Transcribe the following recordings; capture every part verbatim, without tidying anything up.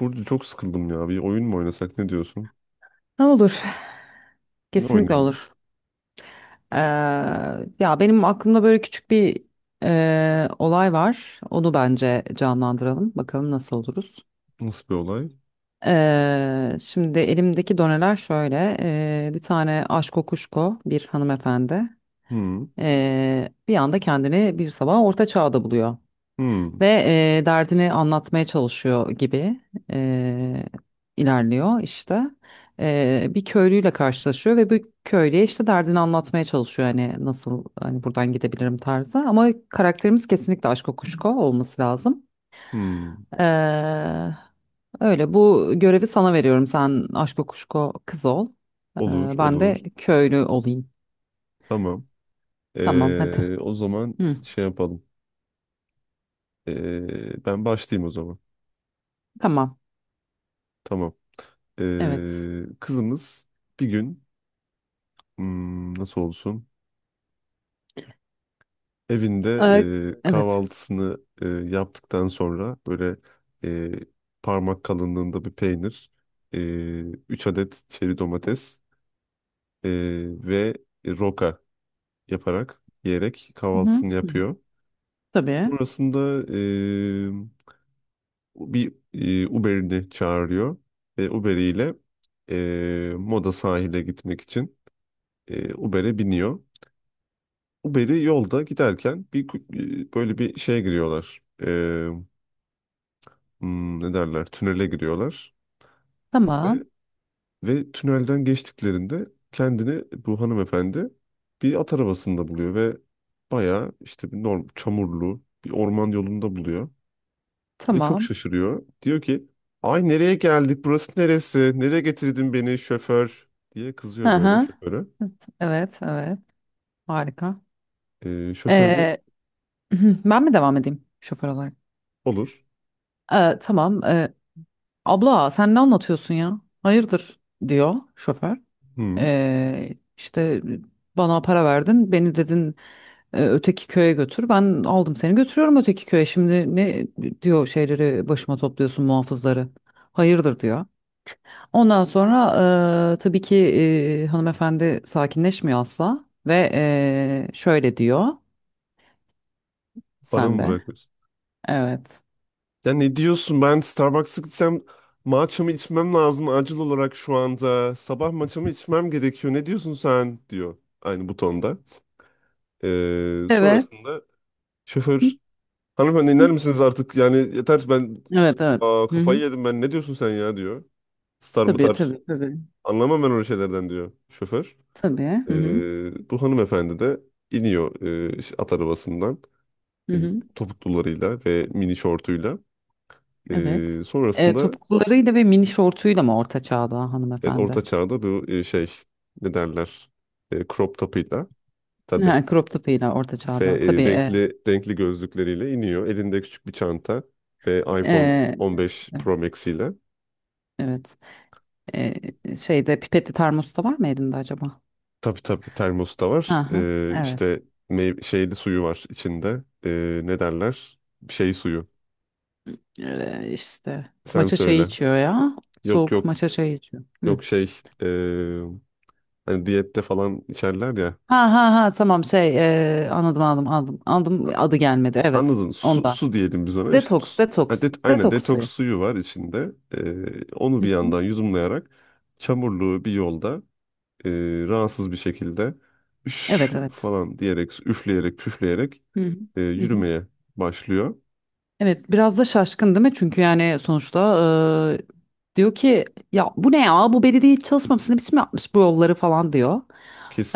Burada çok sıkıldım ya. Bir oyun mu oynasak ne diyorsun? Ne olur. Ne Kesinlikle oynayalım? olur. Ee, Ya benim aklımda böyle küçük bir e, olay var. Onu bence canlandıralım. Bakalım nasıl oluruz. Nasıl bir olay? Ee, şimdi elimdeki doneler şöyle. Ee, bir tane aşko kuşko bir hanımefendi. Hmm, ee, Bir anda kendini bir sabah orta çağda buluyor. hmm, Ve e, derdini anlatmaya çalışıyor gibi e, ilerliyor işte. E, bir köylüyle karşılaşıyor ve bu köylüye işte derdini anlatmaya çalışıyor. Hani nasıl hani buradan gidebilirim tarzı. Ama karakterimiz kesinlikle Aşko Kuşko olması lazım. hmm. E, Öyle bu görevi sana veriyorum. Sen Aşko Kuşko kız ol. E, Olur, Ben olur. de köylü olayım. Tamam. Tamam hadi. Ee, o zaman Hı, şey yapalım. Ee, ben başlayayım o zaman. tamam. Tamam. Evet. Ee, kızımız bir gün hmm, nasıl olsun? Evinde E, e, evet. kahvaltısını e, yaptıktan sonra böyle e, parmak kalınlığında bir peynir, e, üç adet çeri domates, Ee, ve roka yaparak yiyerek Hı hı. kahvaltısını Hı hı. yapıyor. Tabii. Sonrasında ee, bir ee, Uber'ini çağırıyor ve Uber'iyle ee, Moda sahile gitmek için ee, Uber'e biniyor. Uber'i yolda giderken bir ku- ee, böyle bir şeye giriyorlar. Ee, hmm, ne derler? Tünele giriyorlar. ve Tamam. Ve tünelden geçtiklerinde kendini bu hanımefendi bir at arabasında buluyor ve bayağı işte bir norm, çamurlu bir orman yolunda buluyor. Ve çok Tamam. şaşırıyor. Diyor ki, "Ay, nereye geldik, burası neresi, nereye getirdin beni şoför?" diye Hı kızıyor böyle hı. şoföre. Evet, evet. Harika. Ee, şoför de. Ee, Ben mi devam edeyim şoför olarak? Olur. Ee, tamam. Ee, abla sen ne anlatıyorsun ya? Hayırdır diyor şoför. Hı, Ee, işte bana para verdin. Beni dedin e, öteki köye götür. Ben aldım seni götürüyorum öteki köye. Şimdi ne diyor şeyleri başıma topluyorsun muhafızları. Hayırdır diyor. Ondan sonra eee, tabii ki eee, hanımefendi sakinleşmiyor asla ve eee, şöyle diyor bana sen mı de. bırakıyorsun? Evet. "Ya ne diyorsun, ben Starbucks'a gitsem matchamı içmem lazım, acil olarak şu anda sabah matchamı içmem gerekiyor, ne diyorsun sen?" diyor aynı bu tonda. Ee, Evet. Sonrasında Hı şoför, "Hanımefendi, hı. iner misiniz artık, yani yeter ben, Evet evet. aa, Hı kafayı hı. yedim ben, ne diyorsun sen ya?" diyor. "Star mı Tabii tar, tabii tabii. anlamam ben öyle şeylerden," diyor şoför. Tabii. Hı hı. Ee, bu hanımefendi de iniyor e, at arabasından, Hı e, hı. topuklularıyla ve mini şortuyla. Evet. Ee, Eee, sonrasında, Topuklularıyla ve mini şortuyla mı orta çağda evet, hanımefendi? orta çağda bu e, şey, ne derler, e, crop topuyla, tabii. Ha, crop topuyla orta Ve çağda. Tabii. e, eee, renkli renkli gözlükleriyle iniyor. Elinde küçük bir çanta ve iPhone eee, on beş Pro Max ile. evet. Eee, Şeyde pipetli termos da var mı elinde acaba? Tabii tabii, termos da var. Aha, Ee, evet. işte meyve, şeyli suyu var içinde. Ee, ne derler? Şey suyu. Öyle işte. Sen Maça çayı söyle. içiyor ya. Yok, Soğuk yok, maça çayı içiyor. Hı. yok, şey, ee, hani diyette falan içerler ya. Ha ha ha, tamam, şey, e, anladım, anladım, anladım. Anladım, adı gelmedi, evet, Anladın. Su, ondan. su diyelim biz ona. İşte, Detoks, su- ha, detoks. det, aynen, Detoks detoks suyu. suyu var içinde. Ee, onu Hı bir hı. yandan yudumlayarak çamurlu bir yolda e, rahatsız bir şekilde, üş Evet evet. falan diyerek, üfleyerek, püfleyerek, Hı hı. e, Hı hı. yürümeye başlıyor. Evet, biraz da şaşkın değil mi? Çünkü yani sonuçta e, diyor ki ya bu ne, ya bu belediye hiç çalışmamış, ne biçim yapmış bu yolları falan diyor.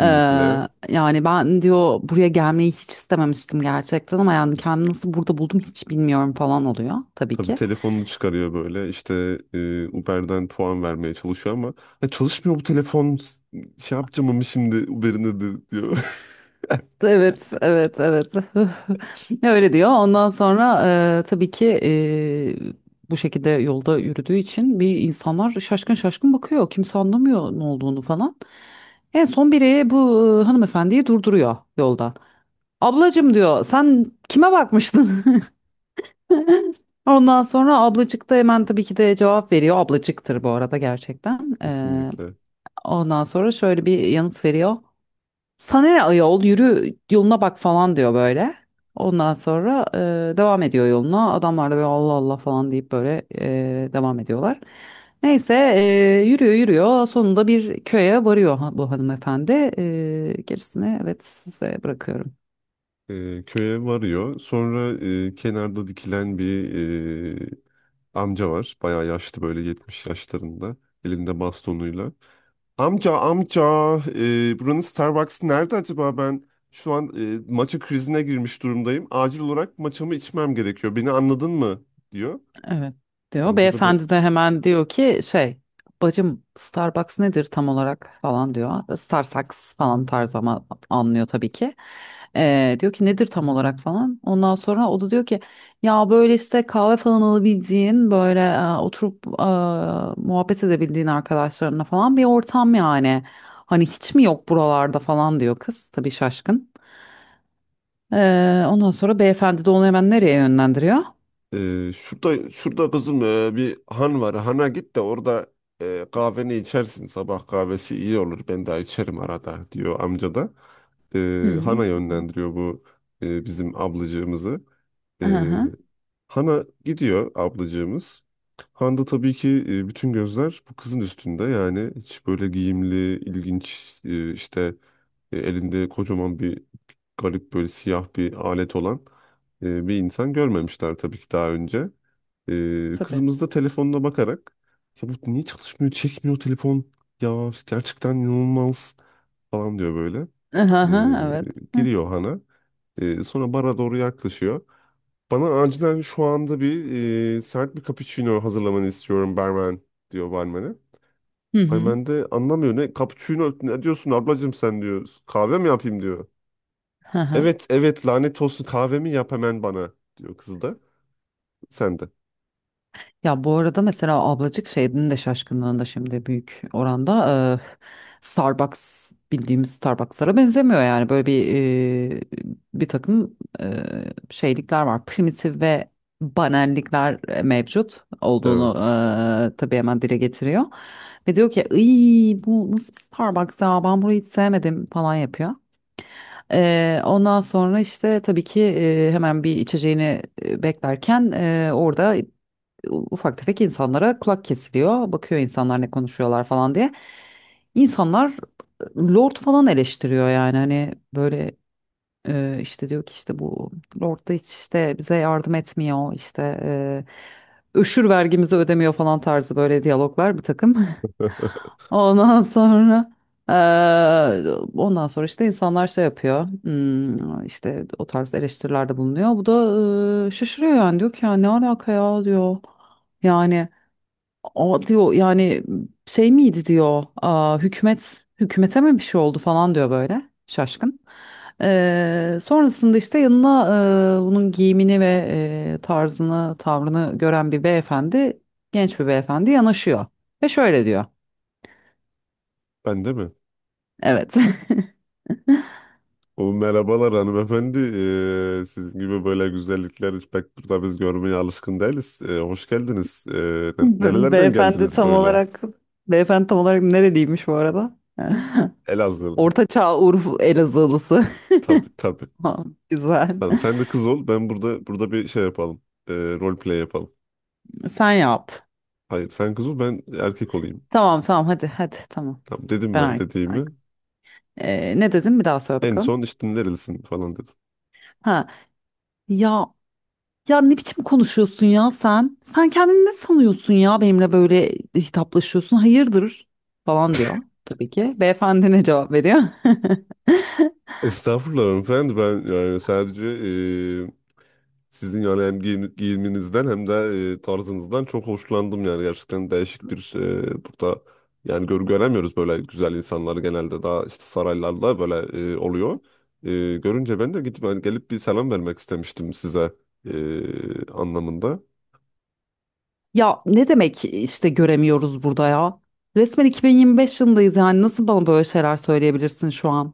Ee, Yani ben diyor buraya gelmeyi hiç istememiştim gerçekten, ama yani kendimi nasıl burada buldum hiç bilmiyorum falan oluyor tabii Tabii ki. telefonunu çıkarıyor böyle işte, e, Uber'den puan vermeye çalışıyor ama, "Ya çalışmıyor bu telefon, şey yapacağım ama şimdi Uber'ine de," diyor. Evet, evet, evet. Öyle diyor. Ondan sonra e, tabii ki e, bu şekilde yolda yürüdüğü için bir insanlar şaşkın şaşkın bakıyor. Kimse anlamıyor ne olduğunu falan. En son biri bu e, hanımefendiyi durduruyor yolda. Ablacım diyor sen kime bakmıştın? Ondan sonra ablacık da hemen tabii ki de cevap veriyor. Ablacıktır bu arada gerçekten. Ee, Kesinlikle. Ondan sonra şöyle bir yanıt veriyor. Sana ne ayol, yürü yoluna bak falan diyor böyle. Ondan sonra e, devam ediyor yoluna. Adamlar da böyle Allah Allah falan deyip böyle e, devam ediyorlar. Neyse e, yürüyor yürüyor. Sonunda bir köye varıyor ha- bu hanımefendi. E, gerisini, evet, size bırakıyorum. E, köye varıyor. Sonra e, kenarda dikilen bir e, amca var. Bayağı yaşlı böyle yetmiş yaşlarında. Elinde bastonuyla. "Amca, amca, e, buranın Starbucks'ı nerede acaba? Ben şu an e, matcha krizine girmiş durumdayım. Acil olarak matchamı içmem gerekiyor. Beni anladın mı?" diyor. Evet diyor. Amca da böyle, Beyefendi de hemen diyor ki şey, bacım Starbucks nedir tam olarak falan diyor. Starbucks falan tarz ama anlıyor tabii ki. Ee, diyor ki nedir tam olarak falan. Ondan sonra o da diyor ki ya böyle işte kahve falan alabildiğin böyle e, oturup e, muhabbet edebildiğin arkadaşlarına falan bir ortam yani. Hani hiç mi yok buralarda falan diyor kız tabii şaşkın. Ee, ondan sonra beyefendi de onu hemen nereye yönlendiriyor? E, "şurada şurada kızım, e, bir han var. Hana git de orada e, kahveni içersin. Sabah kahvesi iyi olur. Ben daha içerim arada," diyor amca da. E, Hı hı. Hana yönlendiriyor bu e, bizim ablacığımızı. Ee, Aha, Hana gidiyor ablacığımız. Handa tabii ki e, bütün gözler bu kızın üstünde. Yani hiç böyle giyimli, ilginç, e, işte, e, elinde kocaman bir garip böyle siyah bir alet olan e, bir insan görmemişler tabii ki daha önce. E, tabii. Kızımız da telefonuna bakarak, "Ya bu niye çalışmıyor, çekmiyor telefon, ya gerçekten inanılmaz," falan diyor böyle. E, Aha, evet. Hı Giriyor Hana. E, Sonra bara doğru yaklaşıyor. "Bana acilen şu anda bir e, sert bir cappuccino hazırlamanı istiyorum barmen," diyor barmene. hı. Barmen de anlamıyor, "Ne cappuccino, ne diyorsun ablacığım sen?" diyor. "Kahve mi yapayım?" diyor. Hı hı. "Evet evet, lanet olsun, kahvemi yap hemen bana," diyor kız da. Sen de. Ya bu arada mesela ablacık şeyinin de şaşkınlığında şimdi büyük oranda e, Starbucks bildiğimiz Starbucks'lara benzemiyor yani böyle bir e, bir takım e, şeylikler var, primitif ve banallikler e, mevcut olduğunu Evet. e, tabii hemen dile getiriyor ve diyor ki "Iy, bu nasıl bir Starbucks ya, ben burayı hiç sevmedim" falan yapıyor. Ee, ondan sonra işte tabii ki e, hemen bir içeceğini e, beklerken e, orada ufak tefek insanlara kulak kesiliyor. Bakıyor insanlar ne konuşuyorlar falan diye. İnsanlar Lord falan eleştiriyor yani hani böyle e, işte diyor ki işte bu Lord da hiç işte bize yardım etmiyor işte e, öşür vergimizi ödemiyor falan tarzı böyle diyaloglar bir takım. Ondan sonra e, ondan sonra işte insanlar şey yapıyor, hmm, işte o tarz eleştirilerde bulunuyor. Bu da e, şaşırıyor yani diyor ki ya ne alaka ya diyor. Yani o diyor yani şey miydi diyor, aa, hükümet hükümete mi bir şey oldu falan diyor böyle şaşkın. Ee, sonrasında işte yanına e, bunun giyimini ve e, tarzını tavrını gören bir beyefendi, genç bir beyefendi yanaşıyor ve şöyle diyor. Ben de mi? Evet. "O, merhabalar hanımefendi. Ee, sizin gibi böyle güzellikler pek burada biz görmeye alışkın değiliz. Ee, hoş geldiniz. Ee, Be- Nerelerden Beyefendi geldiniz tam böyle?" olarak beyefendi tam olarak nereliymiş bu arada? Elazığlı. Orta Çağ Urfa Elazığlısı. Tabii tabii. Ha, güzel. Tamam, sen de kız ol. Ben burada burada bir şey yapalım. Ee, rol play yapalım. Sen yap. Hayır, sen kız ol, ben erkek olayım. Tamam tamam, hadi hadi, tamam. Tamam dedim, Ben ben artık. dediğimi. Ben- Ee, ne dedin, bir daha söyle En bakalım. son işte nerelisin falan dedim. Ha, ya, ya ne biçim konuşuyorsun ya sen? Sen kendini ne sanıyorsun ya, benimle böyle hitaplaşıyorsun? Hayırdır falan diyor tabii ki. Beyefendi ne cevap veriyor? "Estağfurullah hanımefendi, ben yani sadece ee, sizin yani hem giyim- giyiminizden hem de ee, tarzınızdan çok hoşlandım, yani gerçekten değişik bir, ee, burada yani gör, göremiyoruz böyle güzel insanları, genelde daha işte saraylarda böyle ee, oluyor. Ee, Görünce ben de gidip hani gelip bir selam vermek istemiştim size, ee, anlamında. Ya ne demek işte göremiyoruz burada ya? Resmen iki bin yirmi beş yılındayız, yani nasıl bana böyle şeyler söyleyebilirsin şu an?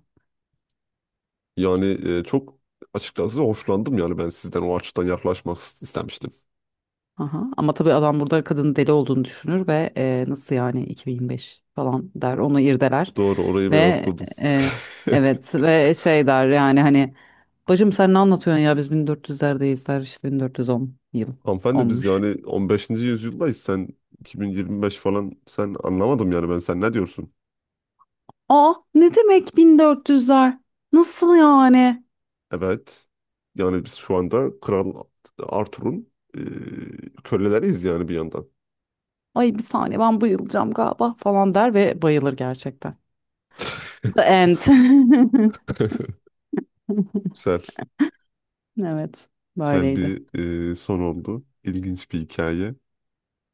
Yani e, çok açıkçası hoşlandım, yani ben sizden o açıdan yaklaşmak istemiştim." Aha. Ama tabii adam burada kadının deli olduğunu düşünür ve e, nasıl yani iki bin yirmi beş falan der, onu irdeler Doğru, orayı ve ben atladım. e, evet ve şey der yani hani bacım sen ne anlatıyorsun ya biz bin dört yüzlerdeyiz der, işte bin dört yüz on yıl "Hanımefendi biz olmuş. yani on beşinci yüzyıldayız, sen iki bin yirmi beş falan, sen anlamadım yani ben, sen ne diyorsun?" Aa ne demek bin dört yüzler, nasıl yani, Evet, yani biz şu anda Kral Arthur'un e, köleleriyiz, yani bir yandan. ay bir saniye ben bayılacağım galiba falan der ve bayılır gerçekten. The end. Güzel, Evet, güzel böyleydi, bir e, son oldu. İlginç bir hikaye.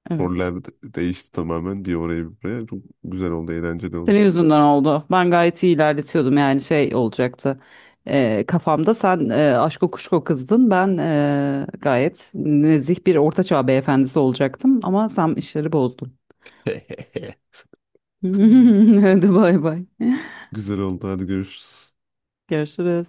evet. Roller de- değişti tamamen, bir oraya bir buraya. Çok güzel oldu, eğlenceli Senin oldu. yüzünden oldu. Ben gayet iyi ilerletiyordum yani şey olacaktı. Ee, kafamda sen e, aşko kuşko kızdın. Ben e, gayet nezih bir ortaçağ beyefendisi olacaktım ama sen işleri bozdun. Hadi bay bay. Güzel oldu. Hadi görüşürüz. Görüşürüz.